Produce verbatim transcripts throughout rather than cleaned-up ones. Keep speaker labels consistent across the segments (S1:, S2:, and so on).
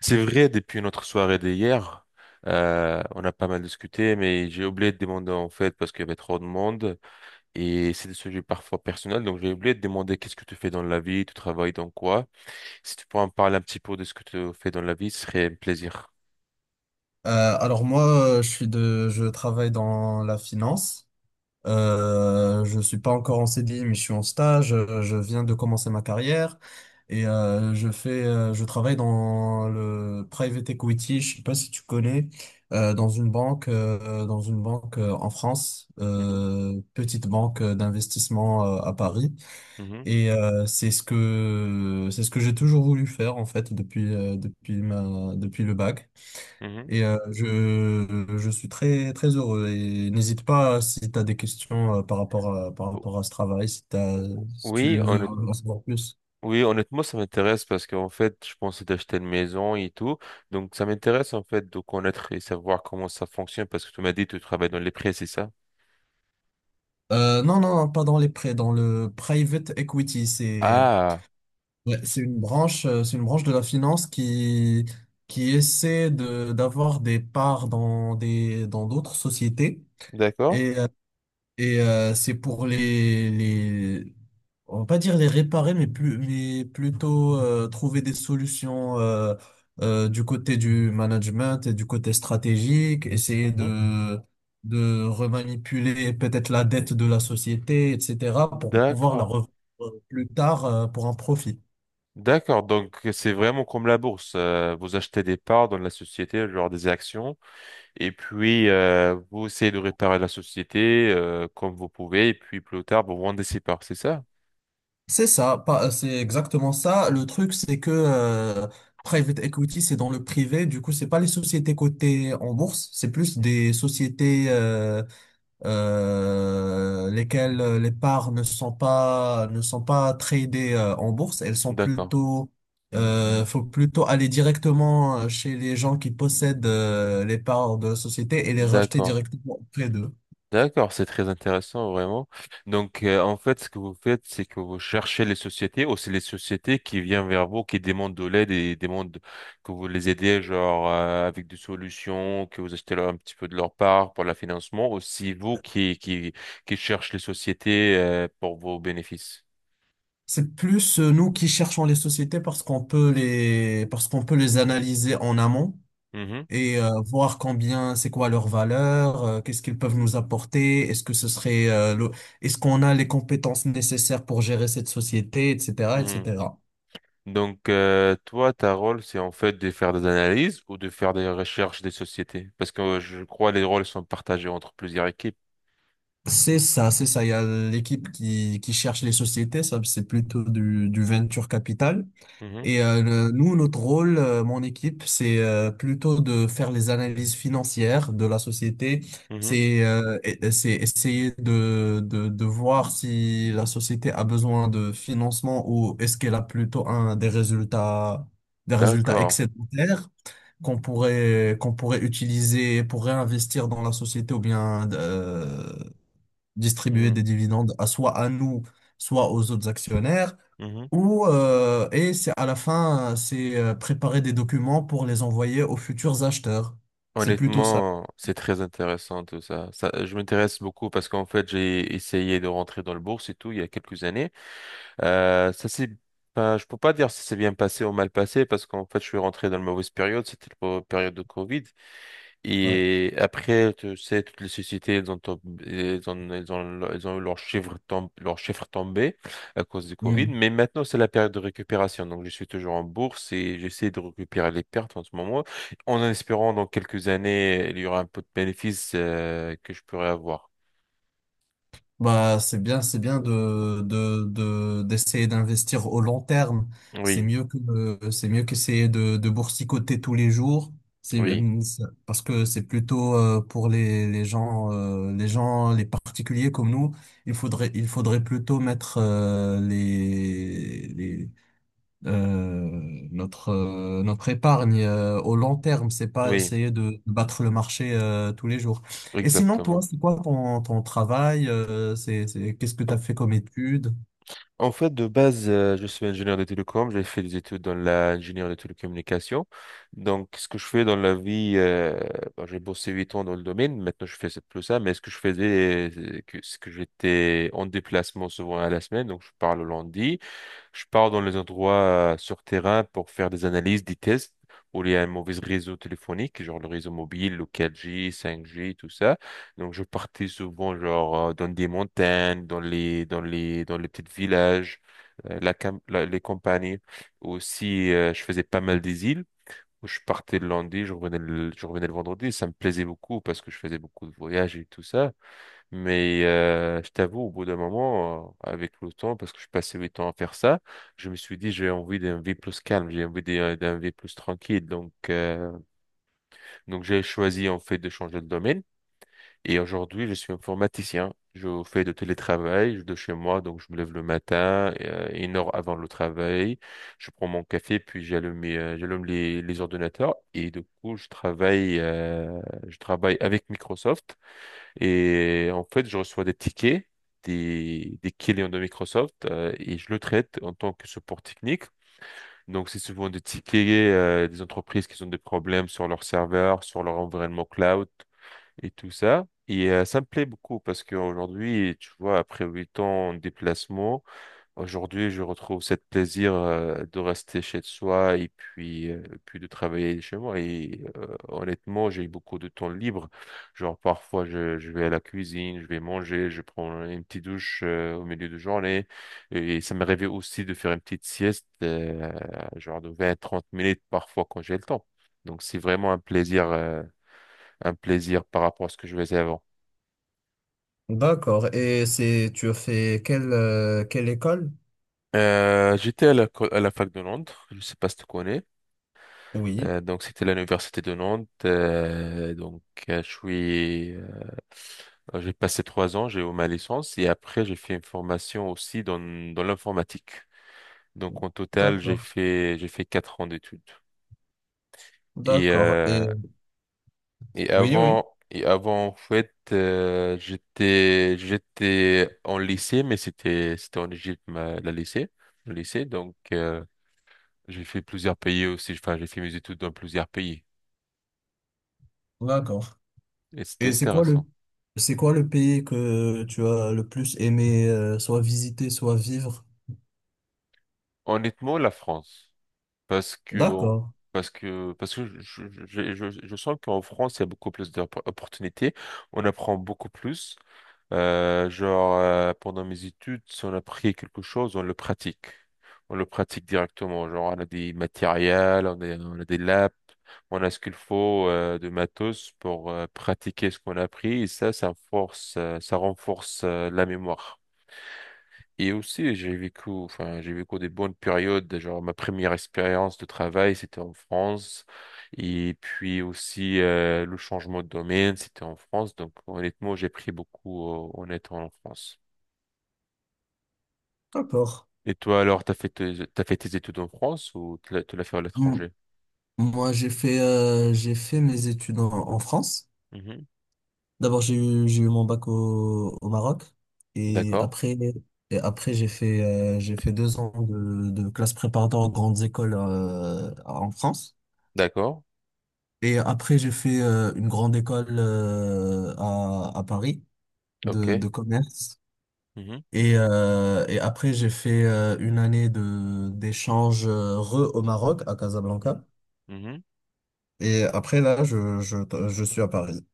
S1: C'est vrai, depuis notre soirée d'hier, euh, on a pas mal discuté, mais j'ai oublié de demander en fait parce qu'il y avait trop de monde et c'est des sujets parfois personnels, donc j'ai oublié de demander qu'est-ce que tu fais dans la vie, tu travailles dans quoi. Si tu pourrais en parler un petit peu de ce que tu fais dans la vie, ce serait un plaisir.
S2: Euh, alors moi, euh, je suis de, je travaille dans la finance. Euh, je suis pas encore en C D I, mais je suis en stage. Euh, Je viens de commencer ma carrière et euh, je fais, euh, je travaille dans le private equity. Je sais pas si tu connais, euh, dans une banque, euh, dans une banque euh, en France,
S1: Mhm,
S2: euh, petite banque euh, d'investissement euh, à Paris.
S1: mhm,
S2: Et euh, c'est ce que, c'est ce que j'ai toujours voulu faire en fait depuis, euh, depuis ma, depuis le bac.
S1: mhm.
S2: Et euh, je, je suis très, très heureux. Et n'hésite pas si tu as des questions euh, par rapport à, par
S1: O-
S2: rapport à ce travail, si t'as, si
S1: Oui,
S2: tu veux
S1: honnêt-
S2: en savoir plus.
S1: oui, honnêtement, ça m'intéresse parce qu'en fait, je pensais d'acheter une maison et tout. Donc, ça m'intéresse en fait de connaître et savoir comment ça fonctionne parce que tu m'as dit que tu travailles dans les prêts, c'est ça?
S2: Euh, non, non, non, pas dans les prêts, dans le private equity. C'est
S1: Ah,
S2: ouais, c'est
S1: c-
S2: une branche, euh, c'est une branche de la finance qui, qui essaie de, d'avoir des parts dans des, dans d'autres sociétés.
S1: d'accord.
S2: Et, euh, et euh, c'est pour les, les, on va pas dire les réparer, mais plus, mais plutôt euh, trouver des solutions euh, euh, du côté du management et du côté stratégique, essayer
S1: Mhm.
S2: de de remanipuler peut-être la dette de la société, et cetera, pour pouvoir la
S1: D'accord.
S2: revendre euh, plus tard euh, pour un profit.
S1: D'accord. Donc, c'est vraiment comme la bourse. Euh, vous achetez des parts dans la société, genre des actions, et puis euh, vous essayez de réparer la société euh, comme vous pouvez, et puis plus tard, vous vendez ces parts, c'est ça?
S2: C'est ça, pas, c'est exactement ça. Le truc, c'est que euh, private equity, c'est dans le privé. Du coup, c'est pas les sociétés cotées en bourse, c'est plus
S1: Mm.
S2: des sociétés euh, euh, lesquelles euh, les parts ne sont pas ne sont pas tradées euh, en bourse, elles sont
S1: D'accord.
S2: plutôt euh, faut plutôt aller directement euh, chez les gens qui possèdent euh, les parts de la société et les racheter
S1: D'accord.
S2: directement auprès d'eux.
S1: D'accord, c'est très intéressant vraiment. Donc euh, en fait, ce que vous faites, c'est que vous cherchez les sociétés ou c'est les sociétés qui viennent vers vous, qui demandent de l'aide et demandent que vous les aidez genre euh, avec des solutions, que vous achetez leur un petit peu de leur part pour le financement, ou c'est vous qui qui qui cherchez les sociétés euh, pour vos bénéfices.
S2: C'est plus euh, nous qui cherchons les sociétés parce qu'on peut les parce qu'on peut les analyser en amont
S1: Mhm,
S2: et euh, voir combien, c'est quoi leur valeur, euh, qu'est-ce qu'ils peuvent nous apporter, est-ce que ce serait, euh, le- est-ce qu'on a les compétences nécessaires pour gérer cette société, et cetera,
S1: mhm.
S2: et cetera.
S1: Donc euh, toi, ta rôle, c'est en fait de faire des analyses ou de faire des recherches des sociétés, parce que euh, je crois les rôles sont partagés entre plusieurs équipes.
S2: C'est ça, c'est ça. Il y a l'équipe qui, qui cherche les sociétés, ça c'est plutôt du, du venture capital.
S1: Mhm,
S2: Et euh, le- nous, notre rôle, euh, mon équipe, c'est euh, plutôt de faire les analyses financières de la société.
S1: mhm.
S2: C'est euh, et- c'est essayer de, de, de voir si la société a besoin de financement ou est-ce qu'elle a plutôt un, des résultats, des résultats
S1: D'accord.
S2: excédentaires qu'on pourrait, qu'on pourrait utiliser pour réinvestir dans la société ou bien euh, distribuer
S1: Hmm.
S2: des dividendes à, soit à nous, soit aux autres actionnaires.
S1: Mhm.
S2: Ou euh, et c'est à la fin, euh, c'est euh, préparer des documents pour les envoyer aux futurs acheteurs. C'est plutôt ça.
S1: Honnêtement, c'est très intéressant tout ça. Ça, je m'intéresse beaucoup parce qu'en fait, j'ai essayé de rentrer dans le bourse et tout il y a quelques années. Euh, ça c'est pas, je peux pas dire si c'est bien passé ou mal passé parce qu'en fait, je suis rentré dans la mauvaise période. C'était la période de Covid.
S2: Ouais.
S1: Et après, tu sais, toutes les sociétés, elles ont, tom- elles ont, elles ont, elles ont eu leurs chiffres tom- leurs chiffres tombés à cause du Covid.
S2: Mm.
S1: Mais maintenant, c'est la période de récupération. Donc, je suis toujours en bourse et j'essaie de récupérer les pertes en ce moment, en espérant dans quelques années, il y aura un peu de bénéfices euh, que je pourrai avoir.
S2: Bah, c'est bien, c'est bien de, de, de, d'essayer d'investir au long terme. C'est
S1: Oui,
S2: mieux que, euh, c'est mieux qu'essayer de, de boursicoter tous les jours. C'est,
S1: oui,
S2: euh, c'est- parce que c'est plutôt euh, pour les, les gens, euh, les gens, les particuliers comme nous. Il faudrait, il faudrait plutôt mettre euh, les, les Euh, notre, euh, notre épargne euh, au long terme, c'est pas
S1: oui,
S2: essayer de battre le marché euh, tous les jours. Et sinon, toi,
S1: exactement.
S2: c'est quoi ton, ton travail? euh, c'est, c'est, qu'est-ce que tu as fait comme études?
S1: En fait, de base, euh, je suis ingénieur de télécom. J'ai fait des études dans l'ingénieur de télécommunications. Donc, ce que je fais dans la vie, euh, bon, j'ai bossé huit ans dans le domaine. Maintenant, je fais plus ça. Mais ce que je faisais, euh, que- c'est que j'étais en déplacement souvent à la semaine. Donc, je pars le lundi. Je pars dans les endroits euh, sur terrain pour faire des analyses, des tests, où il y a un mauvais réseau téléphonique, genre le réseau mobile, le quatre G, cinq G, tout ça. Donc, je partais souvent, genre, euh, dans des montagnes, dans les, dans les, dans les petits villages, euh, la, cam- la- les campagnes. Aussi, euh, je faisais pas mal des îles. Où Je partais le lundi, je revenais le, je revenais le vendredi. Ça me plaisait beaucoup parce que je faisais beaucoup de voyages et tout ça. Mais euh, je t'avoue, au bout d'un moment, euh, avec le temps, parce que je passais huit ans à faire ça, je me suis dit, j'ai envie d'un vie plus calme, j'ai envie d'un d'un vie plus tranquille. Donc, euh, donc j'ai choisi en fait de changer de domaine. Et aujourd'hui, je suis informaticien. Je fais de télétravail de chez moi, donc je me lève le matin, euh, une heure avant le travail. Je prends mon café, puis j'allume mes, euh, j'allume les, les ordinateurs. Et du coup, je travaille, euh, je travaille avec Microsoft. Et en fait, je reçois des tickets des, des clients de Microsoft euh, et je le traite en tant que support technique. Donc, c'est souvent des tickets euh, des entreprises qui ont des problèmes sur leur serveur, sur leur environnement cloud et tout ça. Et euh, ça me plaît beaucoup parce qu'aujourd'hui, tu vois, après huit ans en déplacement, aujourd'hui, je retrouve cette plaisir euh, de rester chez soi et puis, euh, puis de travailler chez moi. Et euh, honnêtement, j'ai beaucoup de temps libre. Genre, parfois, je, je vais à la cuisine, je vais manger, je prends une petite douche euh, au milieu de journée. Et ça m'est arrivé aussi de faire une petite sieste, euh, genre de vingt trente minutes parfois quand j'ai le temps. Donc, c'est vraiment un plaisir, euh, un plaisir par rapport à ce que je faisais avant.
S2: D'accord. Et c'est, tu as fait quelle, euh, quelle école?
S1: Euh, j'étais à la, co- à la fac de Londres, je sais pas si tu connais.
S2: Oui,
S1: Euh, donc c'était à l'université de Nantes. Euh, donc euh, je suis, euh, euh, j'ai passé trois ans, j'ai eu ma licence et après j'ai fait une formation aussi dans dans l'informatique. Donc en total j'ai
S2: d'accord,
S1: fait j'ai fait quatre ans d'études. Et
S2: d'accord.
S1: euh,
S2: Et
S1: et
S2: oui,
S1: avant
S2: oui,
S1: et avant en fait euh, j'étais j'étais en lycée mais c'était c'était en Égypte ma, la lycée le lycée donc euh, j'ai fait plusieurs pays aussi. Enfin j'ai fait mes études dans plusieurs pays
S2: d'accord.
S1: et c'était
S2: Et c'est quoi le,
S1: intéressant.
S2: c'est quoi le pays que tu as le plus aimé, euh, soit visiter, soit vivre?
S1: Honnêtement, la France. Parce que,
S2: D'accord,
S1: parce que, parce que je, je, je, je- je sens qu'en France, il y a beaucoup plus d'opportunités. On apprend beaucoup plus. Euh, genre, euh, pendant mes études, si on a appris quelque chose, on le pratique. On le pratique directement. Genre, on a des matériels, on a, on a des labs, on a ce qu'il faut euh, de matos pour euh, pratiquer ce qu'on a appris. Et ça, ça force, euh, ça renforce euh, la mémoire. Et aussi, j'ai vécu, enfin, j'ai vécu des bonnes périodes. Genre, ma première expérience de travail, c'était en France. Et puis aussi, euh, le changement de domaine, c'était en France. Donc, honnêtement, j'ai pris beaucoup, euh, en étant en France.
S2: d'accord.
S1: Et toi, alors, t'as fait tes, t'as fait tes études en France ou tu l'as tu l'as fait à
S2: Hmm.
S1: l'étranger?
S2: Moi, j'ai fait, euh, j'ai fait mes études en, en France.
S1: Mhm.
S2: D'abord, j'ai eu, j'ai eu mon bac au, au Maroc. Et
S1: D'accord.
S2: après, et après j'ai fait, euh, j'ai fait deux ans de, de classe préparatoire aux grandes écoles euh, en France.
S1: D'accord.
S2: Et après, j'ai fait euh, une grande école euh, à, à Paris de,
S1: OK.
S2: de commerce.
S1: Mhm.
S2: Et, euh, et après, j'ai fait euh, une année de, d'échange euh, re au Maroc, à Casablanca.
S1: Mhm. Mhm.
S2: Et après, là, je, je, je suis à Paris,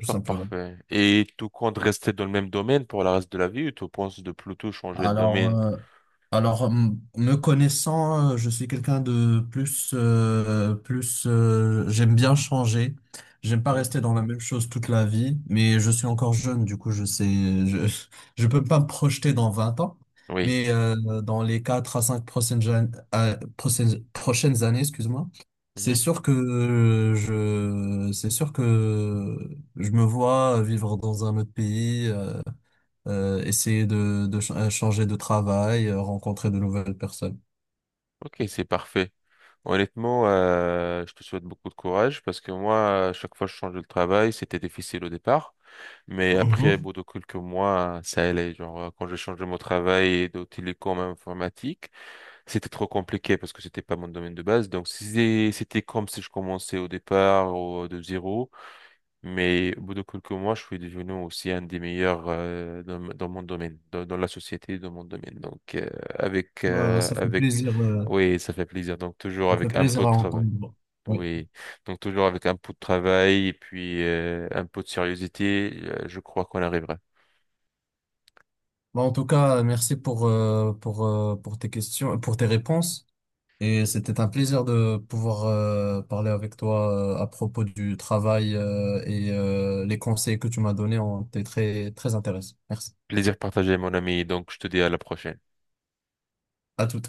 S2: tout simplement.
S1: parfait. Et tu comptes rester dans le même domaine pour le reste de la vie ou tu penses de plutôt changer le
S2: Alors,
S1: domaine?
S2: euh, alors m- me connaissant, euh, je suis quelqu'un de plus, euh, plus. Euh, j'aime bien changer. J'aime pas
S1: Mhm.
S2: rester dans la même chose toute la vie, mais je suis encore jeune, du coup, je sais, je, je peux pas me projeter dans vingt ans,
S1: Oui.
S2: mais euh, dans les quatre à cinq prochaines, jan- euh, prochaines, prochaines années, excuse-moi, c'est
S1: Mhm.
S2: sûr que euh, je, c'est sûr que je me vois vivre dans un autre pays. euh, euh, essayer de, de ch- euh, changer de travail, euh, rencontrer de nouvelles personnes.
S1: Ok, c'est parfait. Honnêtement, euh, je te souhaite beaucoup de courage parce que moi, à chaque fois que je changeais de travail, c'était difficile au départ. Mais
S2: Mhm.
S1: après, bout de quelques mois, ça allait. Genre, euh, quand j'ai changé mon travail de télécom à informatique, c'était trop compliqué parce que c'était pas mon domaine de base. Donc, si c'était comme si je commençais au départ ou de zéro, mais au bout de quelques mois, je suis devenu aussi un des meilleurs euh, dans, dans mon domaine, dans, dans la société, dans mon domaine. Donc, euh, avec,
S2: Euh,
S1: euh,
S2: ça fait
S1: avec,
S2: plaisir, euh,
S1: oui, ça fait plaisir. Donc, toujours
S2: ça fait
S1: avec un peu
S2: plaisir
S1: de
S2: à
S1: travail.
S2: entendre. Oui.
S1: Oui, donc toujours avec un peu de travail et puis euh, un peu de sérieuxité, euh, je crois qu'on arrivera.
S2: Bah, en tout cas, merci pour, euh, pour, euh, pour tes questions, pour tes réponses. Et c'était un plaisir de pouvoir euh, parler avec toi euh, à propos du travail euh, et euh, les conseils que tu m'as donnés ont été très, très intéressants. Merci.
S1: Plaisir partagé, mon ami. Donc, je te dis à la prochaine.
S2: À tout